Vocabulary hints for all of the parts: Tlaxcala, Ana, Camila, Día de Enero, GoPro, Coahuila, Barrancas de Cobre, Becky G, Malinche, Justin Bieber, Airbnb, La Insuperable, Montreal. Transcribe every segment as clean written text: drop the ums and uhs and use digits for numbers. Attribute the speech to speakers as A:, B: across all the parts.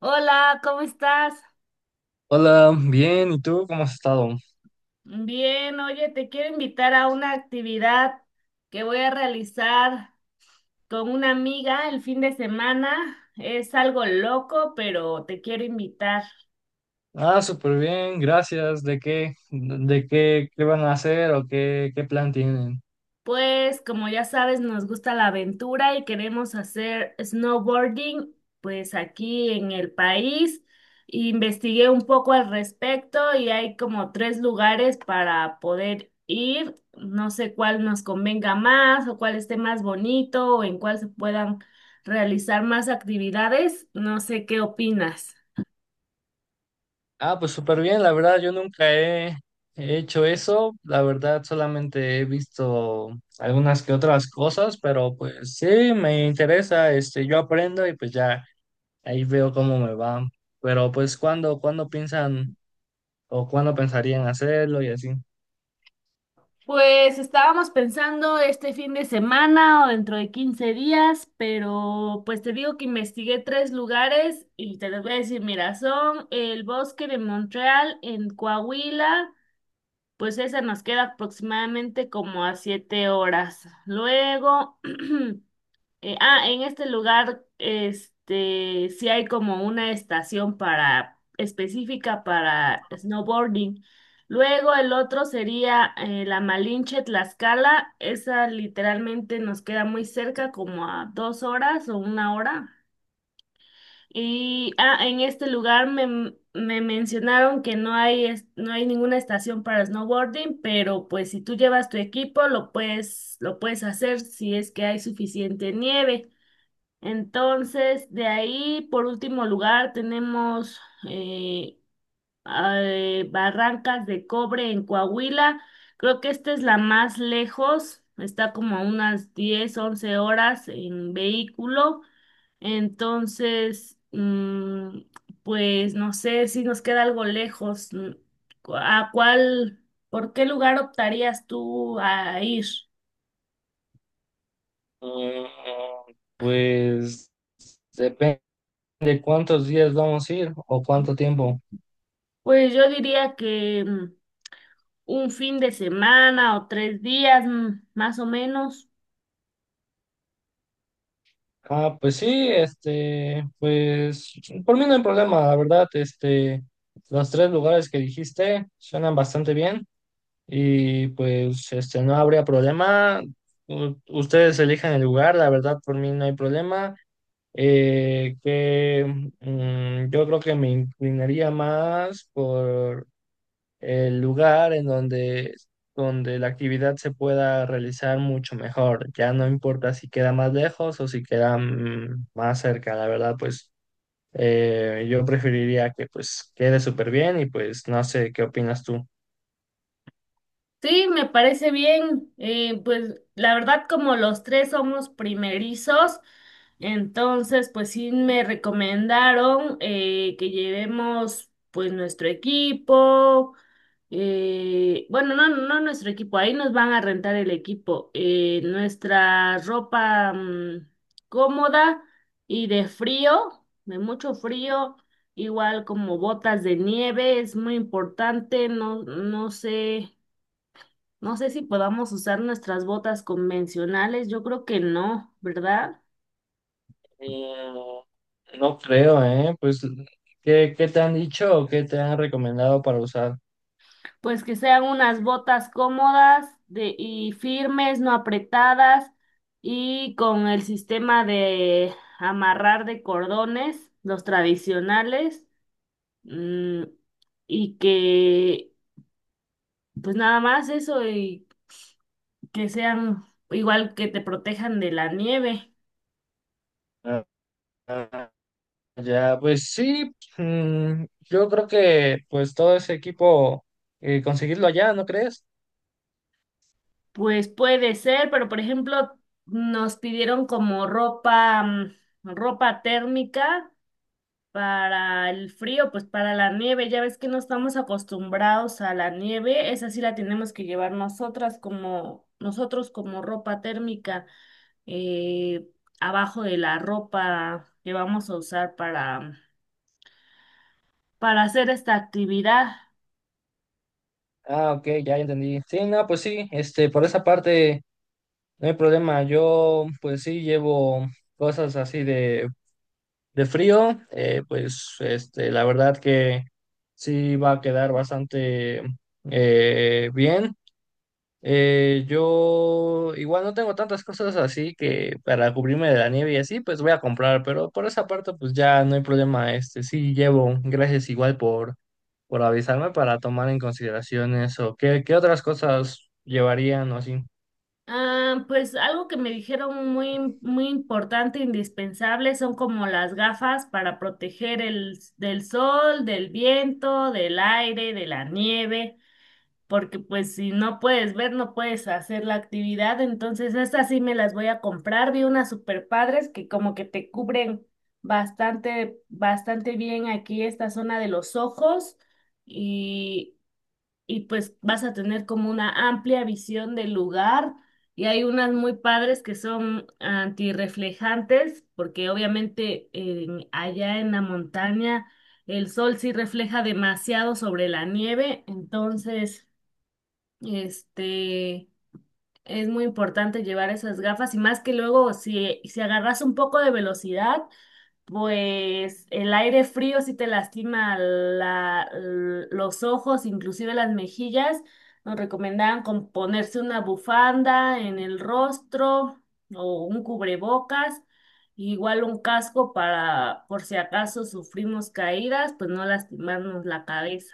A: Hola, ¿cómo estás?
B: Hola, bien, ¿y tú cómo has estado?
A: Bien, oye, te quiero invitar a una actividad que voy a realizar con una amiga el fin de semana. Es algo loco, pero te quiero invitar.
B: Ah, súper bien, gracias. ¿De qué, qué van a hacer o qué plan tienen?
A: Pues como ya sabes, nos gusta la aventura y queremos hacer snowboarding, pues aquí en el país. Investigué un poco al respecto y hay como tres lugares para poder ir. No sé cuál nos convenga más o cuál esté más bonito o en cuál se puedan realizar más actividades. No sé qué opinas.
B: Ah, pues súper bien, la verdad, yo nunca he hecho eso, la verdad, solamente he visto algunas que otras cosas, pero pues sí, me interesa, yo aprendo y pues ya ahí veo cómo me va. Pero pues, ¿cuándo, cuándo piensan o cuándo pensarían hacerlo y así?
A: Pues estábamos pensando este fin de semana o dentro de 15 días, pero pues te digo que investigué tres lugares y te los voy a decir, mira, son el bosque de Montreal en Coahuila, pues esa nos queda aproximadamente como a 7 horas. Luego en este lugar, sí hay como una estación para específica para snowboarding. Luego el otro sería la Malinche Tlaxcala. Esa literalmente nos queda muy cerca, como a 2 horas o una hora. Y en este lugar me mencionaron que no hay, no hay ninguna estación para snowboarding, pero pues si tú llevas tu equipo lo puedes hacer si es que hay suficiente nieve. Entonces, de ahí, por último lugar, tenemos eh, Barrancas de Cobre en Coahuila. Creo que esta es la más lejos, está como a unas 10 11 horas en vehículo. Entonces, pues no sé si nos queda algo lejos. ¿A cuál, por qué lugar optarías tú a ir?
B: Mm, Pues... depende. ¿De cuántos días vamos a ir o cuánto tiempo?
A: Pues yo diría que... un fin de semana o 3 días más o menos.
B: Ah, pues sí, pues por mí no hay problema, la verdad, los tres lugares que dijiste suenan bastante bien y pues no habría problema. Ustedes elijan el lugar, la verdad, por mí no hay problema. Que yo creo que me inclinaría más el lugar en donde la actividad se pueda realizar mucho mejor. Ya no importa si queda más lejos o si queda más cerca, la verdad, pues yo preferiría que pues quede súper bien y pues no sé, ¿qué opinas tú?
A: Sí, me parece bien. Pues la verdad, como los tres somos primerizos, entonces pues sí me recomendaron que llevemos pues nuestro equipo. Bueno, no, no nuestro equipo, ahí nos van a rentar el equipo, nuestra ropa cómoda y de frío, de mucho frío, igual como botas de nieve, es muy importante, no, no sé, no sé si podamos usar nuestras botas convencionales, yo creo que no, ¿verdad?
B: Mm. No creo, ¿eh? Pues, ¿qué, qué te han dicho o qué te han recomendado para usar?
A: Pues que sean unas botas cómodas de, y firmes, no apretadas, y con el sistema de amarrar de cordones, los tradicionales, mm, y que, pues nada más eso, y que sean igual que te protejan de la nieve.
B: Ah, ah, ya, pues sí, mm, yo creo que pues todo ese equipo, conseguirlo allá, ¿no crees?
A: Pues puede ser, pero por ejemplo, nos pidieron como ropa, ropa térmica para el frío, pues para la nieve, ya ves que no estamos acostumbrados a la nieve, esa sí la tenemos que llevar nosotras como nosotros como ropa térmica eh, abajo de la ropa que vamos a usar para hacer esta actividad.
B: Ah, ok, ya entendí. Sí, no, pues sí, por esa parte no hay problema. Yo, pues sí, llevo cosas así de frío. Pues, la verdad que sí va a quedar bastante bien. Yo igual no tengo tantas cosas así que para cubrirme de la nieve y así, pues voy a comprar, pero por esa parte pues ya no hay problema, sí llevo, gracias igual por avisarme para tomar en consideración eso. ¿Qué, qué otras cosas llevarían o así?
A: Ah, pues algo que me dijeron muy importante, indispensable, son como las gafas para proteger del sol, del viento, del aire, de la nieve. Porque pues si no puedes ver, no puedes hacer la actividad, entonces estas sí me las voy a comprar, vi unas super padres que como que te cubren bastante, bastante bien aquí esta zona de los ojos y, y pues vas a tener como una amplia visión del lugar. Y hay unas muy padres que son antirreflejantes, porque obviamente allá en la montaña el sol sí refleja demasiado sobre la nieve, entonces este, es muy importante llevar esas gafas, y más que luego si agarras un poco de velocidad, pues el aire frío sí te lastima los ojos, inclusive las mejillas. Nos recomendaban con ponerse una bufanda en el rostro o un cubrebocas, igual un casco para por si acaso sufrimos caídas, pues no lastimarnos la cabeza.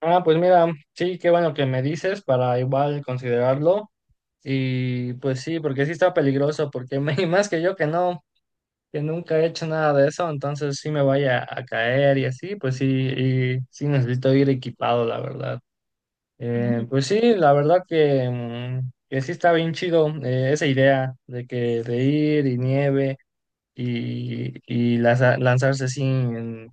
B: Ah, pues mira, sí, qué bueno que me dices para igual considerarlo y pues sí, porque sí está peligroso, porque más que yo que no, que nunca he hecho nada de eso, entonces sí me vaya a caer y así, pues sí, y sí necesito ir equipado, la verdad. Pues sí, la verdad que, que sí está bien chido, esa idea de que de ir y nieve y lanzarse así en,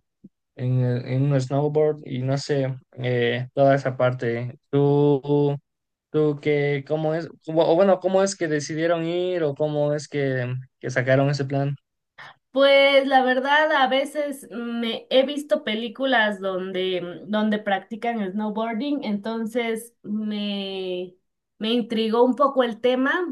B: en, en un snowboard y no sé, toda esa parte. ¿Tú, tú qué, cómo es, o bueno, cómo es que decidieron ir o cómo es que sacaron ese plan?
A: Pues la verdad, a veces me he visto películas donde practican snowboarding, entonces me intrigó un poco el tema,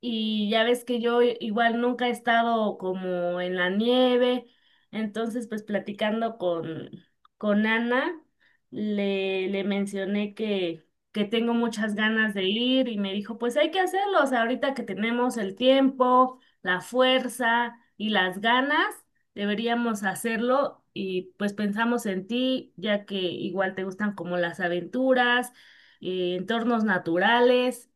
A: y ya ves que yo igual nunca he estado como en la nieve, entonces pues platicando con Ana, le mencioné que tengo muchas ganas de ir, y me dijo, pues hay que hacerlo, o sea, ahorita que tenemos el tiempo, la fuerza y las ganas, deberíamos hacerlo, y pues pensamos en ti, ya que igual te gustan como las aventuras, entornos naturales.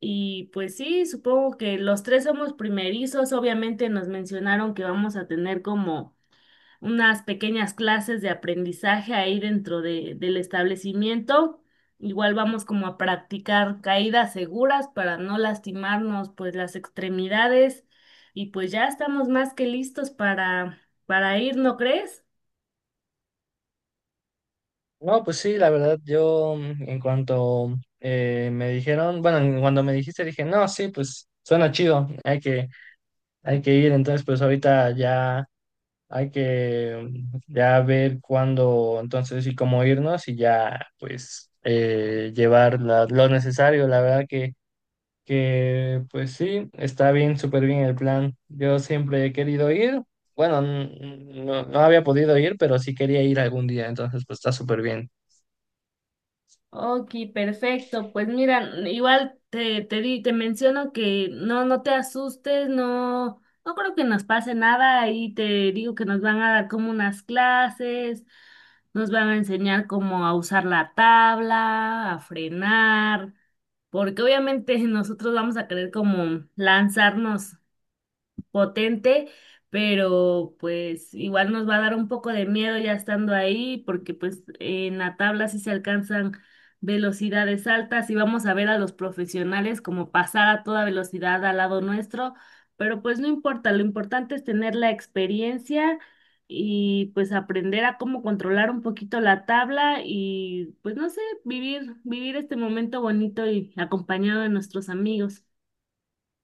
A: Y pues sí, supongo que los tres somos primerizos. Obviamente nos mencionaron que vamos a tener como unas pequeñas clases de aprendizaje ahí del establecimiento. Igual vamos como a practicar caídas seguras para no lastimarnos pues las extremidades. Y pues ya estamos más que listos para ir, ¿no crees?
B: No, pues sí, la verdad, yo en cuanto me dijeron, bueno, en cuando me dijiste dije, no, sí, pues suena chido, hay que ir, entonces pues ahorita ya hay que ya ver cuándo, entonces y cómo irnos y ya pues llevar lo necesario, la verdad que pues sí, está bien, súper bien el plan, yo siempre he querido ir, bueno, no había podido ir, pero sí quería ir algún día, entonces pues está súper bien.
A: Ok, perfecto. Pues mira, igual te menciono que no, no te asustes, no, no creo que nos pase nada. Ahí te digo que nos van a dar como unas clases, nos van a enseñar cómo a usar la tabla, a frenar, porque obviamente nosotros vamos a querer como lanzarnos potente, pero pues igual nos va a dar un poco de miedo ya estando ahí, porque pues en la tabla sí se alcanzan velocidades altas, y vamos a ver a los profesionales como pasar a toda velocidad al lado nuestro, pero pues no importa, lo importante es tener la experiencia y pues aprender a cómo controlar un poquito la tabla y pues no sé, vivir este momento bonito y acompañado de nuestros amigos.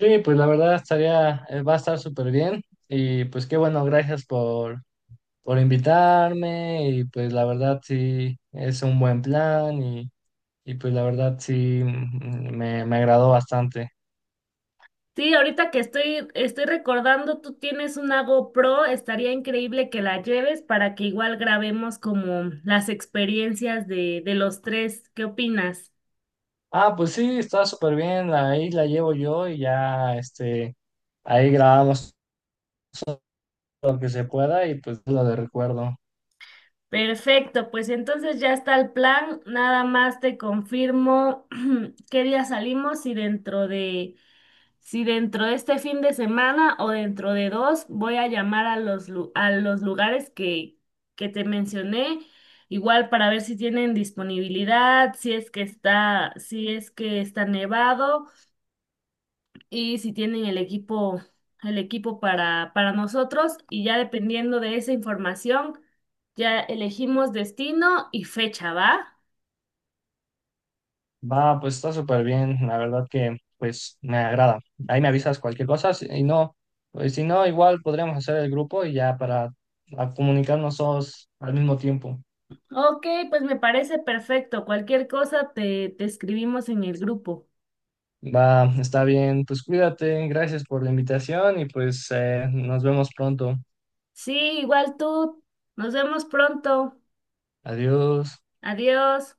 B: Sí, pues la verdad estaría, va a estar súper bien y pues qué bueno, gracias por invitarme y pues la verdad sí es un buen plan y pues la verdad sí, me agradó bastante.
A: Sí, ahorita que estoy recordando, tú tienes una GoPro, estaría increíble que la lleves para que igual grabemos como las experiencias de los tres. ¿Qué opinas?
B: Ah, pues sí, está súper bien, ahí la llevo yo y ya ahí grabamos lo que se pueda y pues lo de recuerdo.
A: Perfecto, pues entonces ya está el plan. Nada más te confirmo qué día salimos, y dentro de si dentro de este fin de semana o dentro de dos, voy a llamar a a los lugares que te mencioné, igual para ver si tienen disponibilidad, si es que está, si es que está nevado, y si tienen el equipo, para nosotros. Y ya dependiendo de esa información, ya elegimos destino y fecha, ¿va?
B: Va, pues está súper bien, la verdad que pues me agrada. Ahí me avisas cualquier cosa, y no, pues, si no, igual podríamos hacer el grupo y ya para a comunicarnos todos al mismo tiempo.
A: Ok, pues me parece perfecto. Cualquier cosa te escribimos en el grupo.
B: Va, está bien, pues cuídate, gracias por la invitación y pues nos vemos pronto.
A: Sí, igual tú. Nos vemos pronto.
B: Adiós.
A: Adiós.